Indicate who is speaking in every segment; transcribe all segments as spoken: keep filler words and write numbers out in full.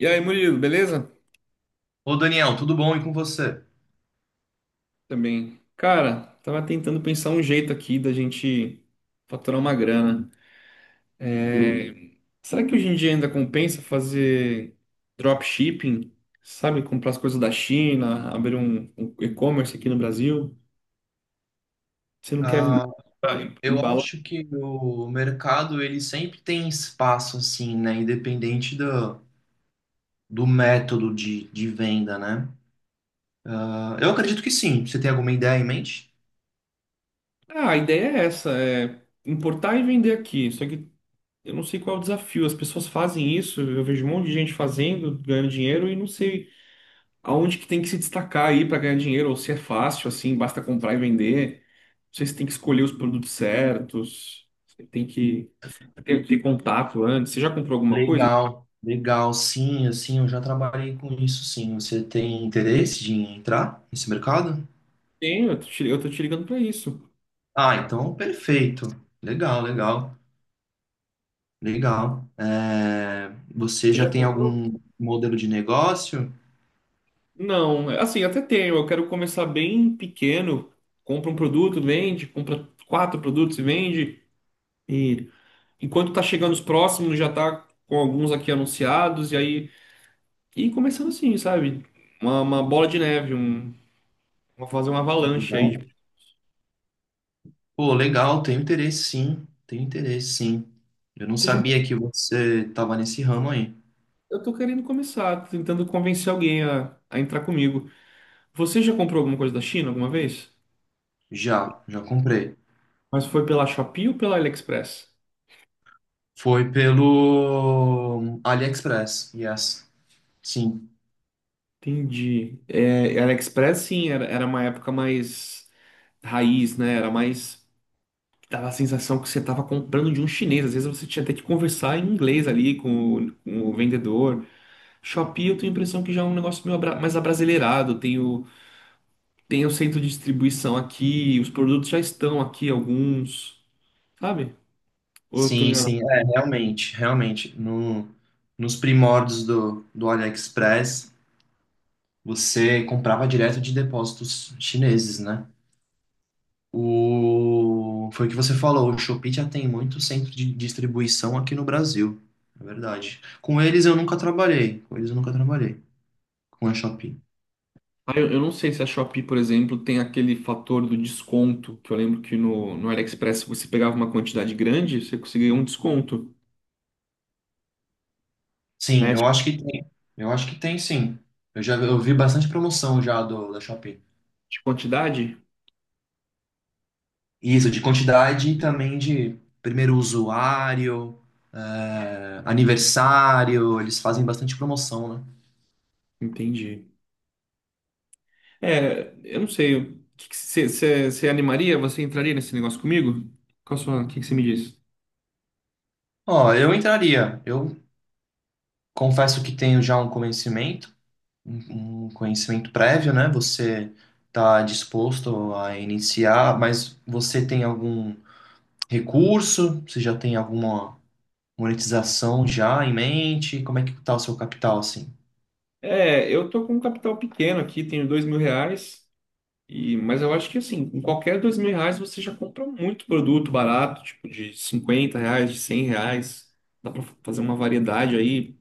Speaker 1: E aí, Murilo, beleza?
Speaker 2: Ô Daniel, tudo bom e com você?
Speaker 1: Também. Cara, tava tentando pensar um jeito aqui da gente faturar uma grana. É, Será que hoje em dia ainda compensa fazer dropshipping? Sabe, comprar as coisas da China, abrir um, um e-commerce aqui no Brasil? Você não quer
Speaker 2: Ah,
Speaker 1: ah,
Speaker 2: eu
Speaker 1: embalar?
Speaker 2: acho que o mercado ele sempre tem espaço assim, né? Independente do, do método de, de venda, né? Ah, eu acredito que sim. Você tem alguma ideia em mente?
Speaker 1: Ah, a ideia é essa, é importar e vender aqui. Só que eu não sei qual é o desafio. As pessoas fazem isso, eu vejo um monte de gente fazendo, ganhando dinheiro e não sei aonde que tem que se destacar aí para ganhar dinheiro, ou se é fácil, assim, basta comprar e vender. Não sei se tem que escolher os produtos certos, você tem que ter, ter contato antes. Você já comprou alguma coisa?
Speaker 2: Legal, legal, sim, assim, eu já trabalhei com isso, sim. Você tem interesse de entrar nesse mercado?
Speaker 1: Tenho, eu tô te, eu tô te ligando para isso.
Speaker 2: Ah, então perfeito. Legal, legal, legal. É, você
Speaker 1: Você
Speaker 2: já
Speaker 1: já
Speaker 2: tem
Speaker 1: comprou?
Speaker 2: algum modelo de negócio?
Speaker 1: Não, é, assim, até tenho. Eu quero começar bem pequeno. Compra um produto, vende, compra quatro produtos e vende. E enquanto tá chegando os próximos, já tá com alguns aqui anunciados, e aí. E começando assim, sabe? Uma, uma bola de neve, um vou fazer uma avalanche aí. Tipo,
Speaker 2: Legal. Pô, legal, tenho interesse sim, tenho interesse sim. Eu não
Speaker 1: você já...
Speaker 2: sabia que você tava nesse ramo aí.
Speaker 1: Eu tô querendo começar, tô tentando convencer alguém a, a entrar comigo. Você já comprou alguma coisa da China alguma vez?
Speaker 2: Já, já comprei.
Speaker 1: Mas foi pela Shopee ou pela AliExpress?
Speaker 2: Foi pelo AliExpress, yes. Sim,
Speaker 1: Entendi. É, AliExpress, sim, era, era uma época mais raiz, né? Era mais. Dava a sensação que você estava comprando de um chinês. Às vezes você tinha até que conversar em inglês ali com o, com o vendedor. Shopee, eu tenho a impressão que já é um negócio meio abra- mais abrasileirado. Tem o, tem o centro de distribuição aqui, os produtos já estão aqui, alguns, sabe? Ou eu tô
Speaker 2: sim,
Speaker 1: enganado?
Speaker 2: sim, é, realmente, realmente. No, Nos primórdios do, do AliExpress, você comprava direto de depósitos chineses, né? O... Foi o que você falou, o Shopee já tem muito centro de distribuição aqui no Brasil, é verdade. Com eles eu nunca trabalhei, com eles eu nunca trabalhei, com a Shopee.
Speaker 1: Ah, eu, eu não sei se a Shopee, por exemplo, tem aquele fator do desconto, que eu lembro que no, no AliExpress se você pegava uma quantidade grande, você conseguia um desconto,
Speaker 2: Sim,
Speaker 1: né?
Speaker 2: eu
Speaker 1: Tipo.
Speaker 2: acho que tem, eu acho que tem sim. Eu já eu vi bastante promoção já do, da Shopee.
Speaker 1: De quantidade?
Speaker 2: Isso, de quantidade e também de primeiro usuário, eh, aniversário, eles fazem bastante promoção, né?
Speaker 1: Entendi. É, eu não sei. O que que Você você- você animaria? Você entraria nesse negócio comigo? Qual a sua, o que que você me diz?
Speaker 2: Ó, eu entraria, eu confesso que tenho já um conhecimento um um conhecimento prévio, né? Você está disposto a iniciar, mas você tem algum recurso? Você já tem alguma monetização já em mente? Como é que está o seu capital, assim?
Speaker 1: É, eu tô com um capital pequeno aqui, tenho dois mil reais. E, mas eu acho que assim, com qualquer dois mil reais você já compra muito produto barato, tipo de cinquenta reais, de cem reais. Dá pra fazer uma variedade aí.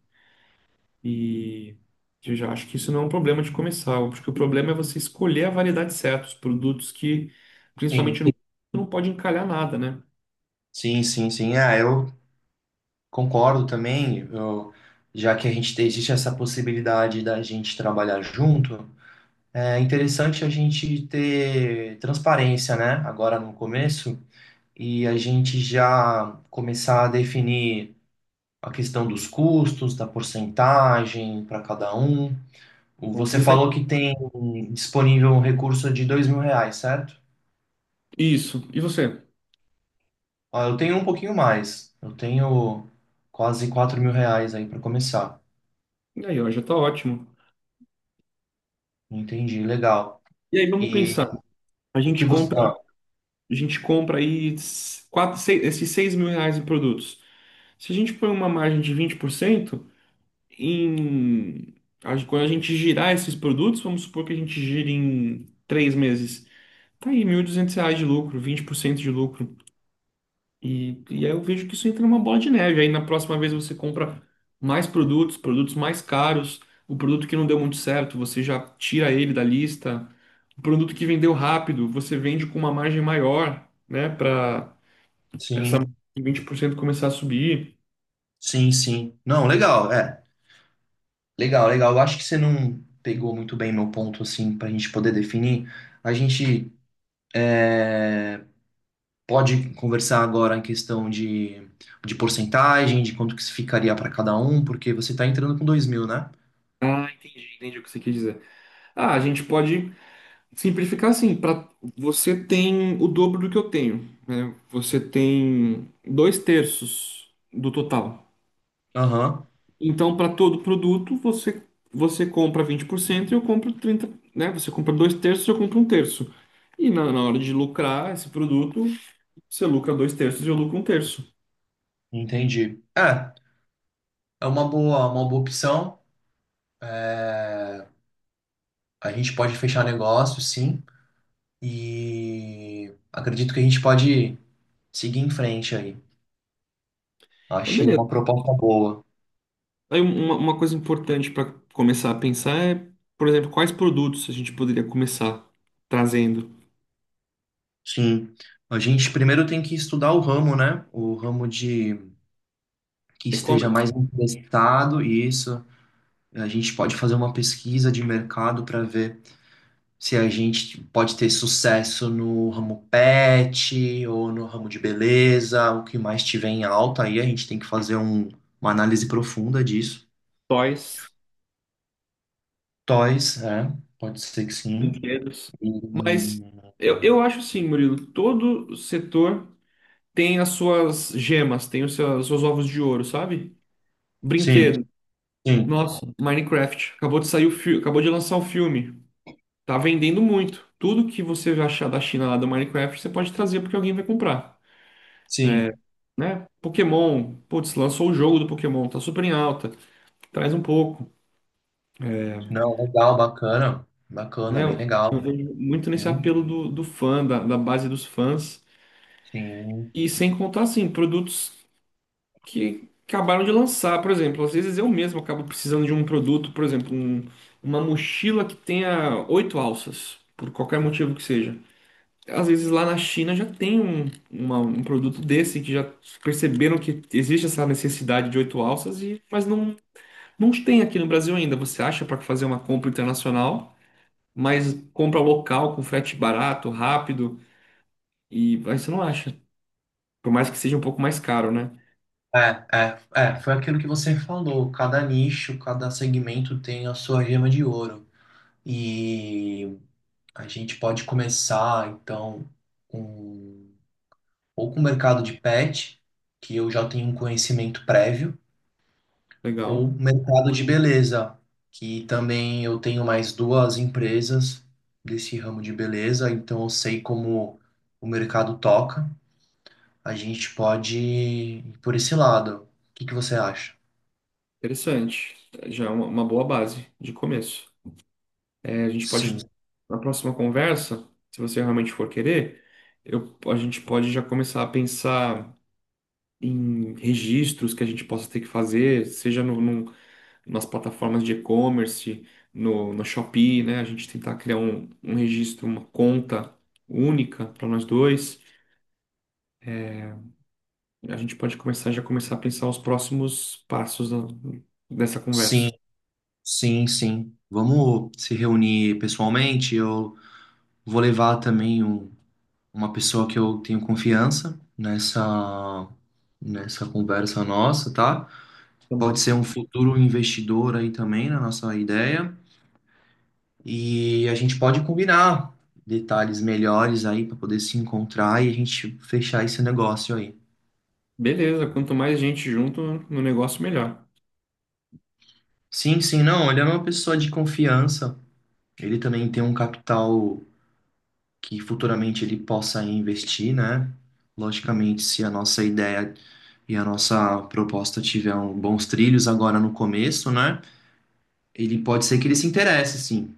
Speaker 1: E eu já acho que isso não é um problema de começar. Eu acho que o problema é você escolher a variedade certa, os produtos que, principalmente no,
Speaker 2: Sim.
Speaker 1: não pode encalhar nada, né?
Speaker 2: Sim, sim, sim. É, eu concordo também. Eu, já que a gente tem, existe essa possibilidade da gente trabalhar junto, é interessante a gente ter transparência, né? Agora no começo. E a gente já começar a definir a questão dos custos, da porcentagem para cada um. O-
Speaker 1: Vamos
Speaker 2: Você
Speaker 1: pensar em
Speaker 2: falou que tem disponível um recurso de dois mil reais, certo?
Speaker 1: isso. E você?
Speaker 2: Ó, eu tenho um pouquinho mais. Eu tenho quase quatro mil reais aí para começar.
Speaker 1: E aí, ó, já tá ótimo.
Speaker 2: Entendi, legal.
Speaker 1: E aí, vamos
Speaker 2: E
Speaker 1: pensar. A
Speaker 2: o
Speaker 1: gente
Speaker 2: que você.
Speaker 1: compra,
Speaker 2: Ah,
Speaker 1: a gente compra aí s- quatro, seis, esses seis mil reais em produtos. Se a gente põe uma margem de vinte por cento em a quando a gente girar esses produtos, vamos supor que a gente gire em três meses. Tá aí, mil e duzentos reais de lucro, vinte por cento de lucro. E, e aí eu vejo que isso entra numa bola de neve. Aí na próxima vez você compra mais produtos, produtos mais caros, o produto que não deu muito certo, você já tira ele da lista. O produto que vendeu rápido, você vende com uma margem maior, né, para
Speaker 2: sim,
Speaker 1: vinte por cento começar a subir.
Speaker 2: sim, sim. Não, legal, é. Legal, legal. Eu acho que você não pegou muito bem meu ponto, assim, para a gente poder definir. A gente é, Pode conversar agora em questão de, de porcentagem, de quanto que se ficaria para cada um, porque você está entrando com dois mil, né?
Speaker 1: Ah, entendi, entendi o que você quis dizer. Ah, a gente pode simplificar assim, para você tem o dobro do que eu tenho, né? Você tem dois terços do total.
Speaker 2: Aham,
Speaker 1: Então, para todo produto, você, você compra vinte por cento e eu compro trinta por cento, né? Você compra dois terços e eu compro um terço. E na, na hora de lucrar esse produto, você lucra dois terços e eu lucro um terço.
Speaker 2: entendi. É, é uma boa, uma boa opção. É, a gente pode fechar negócio, sim, e acredito que a gente pode seguir em frente aí.
Speaker 1: Então,
Speaker 2: Achei
Speaker 1: beleza.
Speaker 2: uma proposta boa.
Speaker 1: Aí uma, uma coisa importante para começar a pensar é, por exemplo, quais produtos a gente poderia começar trazendo?
Speaker 2: Sim. A gente primeiro tem que estudar o ramo, né? O ramo de que esteja
Speaker 1: E-commerce,
Speaker 2: mais interessado, isso. A gente pode fazer uma pesquisa de mercado para ver se a gente pode ter sucesso no ramo pet ou no ramo de beleza, o que mais tiver em alta. Aí a gente tem que fazer um- uma análise profunda disso.
Speaker 1: toys.
Speaker 2: Toys, é, pode ser que sim.
Speaker 1: Brinquedos. Mas
Speaker 2: Hum,
Speaker 1: eu, eu acho assim, Murilo, todo setor tem as suas gemas, tem os seus, os seus ovos de ouro, sabe? Brinquedo.
Speaker 2: sim, sim,
Speaker 1: Nossa, Minecraft. Acabou de sair o filme, acabou de lançar o filme. Tá vendendo muito. Tudo que você achar da China lá do Minecraft, você pode trazer porque alguém vai comprar,
Speaker 2: sim.
Speaker 1: né? Pokémon, putz, lançou o jogo do Pokémon, tá super em alta. Traz um pouco,
Speaker 2: Não, legal, bacana,
Speaker 1: né?
Speaker 2: bacana, bem legal.
Speaker 1: Eu vejo muito nesse
Speaker 2: Sim,
Speaker 1: apelo do, do fã, da, da base dos fãs.
Speaker 2: sim.
Speaker 1: E sem contar, assim, produtos que acabaram de lançar. Por exemplo, às vezes eu mesmo acabo precisando de um produto, por exemplo, um- uma mochila que tenha oito alças, por qualquer motivo que seja. Às vezes lá na China já tem um, uma- um produto desse que já perceberam que existe essa necessidade de oito alças, e, mas não, não tem aqui no Brasil ainda. Você acha para fazer uma compra internacional, mas compra local com frete barato, rápido, e aí você não acha. Por mais que seja um pouco mais caro, né?
Speaker 2: É, é, É, foi aquilo que você falou. Cada nicho, cada segmento tem a sua gema de ouro. E a gente pode começar, então, com, ou com o mercado de pet, que eu já tenho um conhecimento prévio, ou um
Speaker 1: Legal.
Speaker 2: mercado de beleza, que também eu tenho mais duas empresas desse ramo de beleza, então eu sei como o mercado toca. A gente pode ir por esse lado. O que que você acha?
Speaker 1: Interessante. Já é uma uma boa base de começo. É, a gente pode,
Speaker 2: Sim,
Speaker 1: na próxima conversa, se você realmente for querer, eu, a gente pode já começar a pensar em registros que a gente possa ter que fazer, seja no, num- nas plataformas de e-commerce, no, no Shopee, né? A gente tentar criar um, um registro, uma conta única para nós dois. A gente pode começar já começar a pensar os próximos passos da- dessa conversa.
Speaker 2: sim, sim, sim. Vamos se reunir pessoalmente. Eu vou levar também um uma pessoa que eu tenho confiança nessa nessa conversa nossa, tá?
Speaker 1: Tá
Speaker 2: Pode
Speaker 1: bom.
Speaker 2: ser um futuro investidor aí também na nossa ideia e a gente pode combinar detalhes melhores aí para poder se encontrar e a gente fechar esse negócio aí.
Speaker 1: Beleza, quanto mais gente junto no negócio, melhor.
Speaker 2: Sim, sim, não, ele é uma pessoa de confiança. Ele também tem um capital que futuramente ele possa investir, né? Logicamente, se a nossa ideia e a nossa proposta tiver um- bons trilhos agora no começo, né? Ele Pode ser que ele se interesse, sim.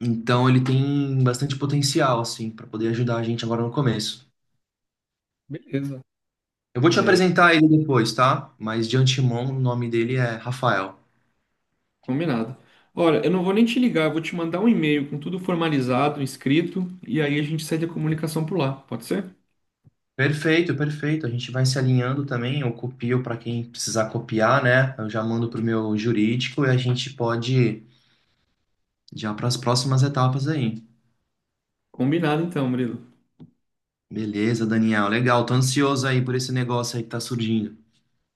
Speaker 2: Então ele tem bastante potencial, assim, para poder ajudar a gente agora no começo.
Speaker 1: Beleza.
Speaker 2: Eu vou te apresentar ele depois, tá? Mas de antemão, o nome dele é Rafael.
Speaker 1: Combinado. Olha, eu não vou nem te ligar, eu vou te mandar um e-mail com tudo formalizado, inscrito, e aí a gente segue a comunicação por lá, pode ser?
Speaker 2: Perfeito, perfeito. A gente vai se alinhando também. Eu copio para quem precisar copiar, né? Eu já mando pro meu jurídico e a gente pode já para as próximas etapas aí.
Speaker 1: Combinado então, Murilo.
Speaker 2: Beleza, Daniel. Legal. Tô ansioso aí por esse negócio aí que tá surgindo.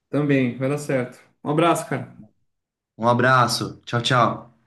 Speaker 1: Também, vai dar certo. Um abraço, cara.
Speaker 2: Um abraço. Tchau, tchau.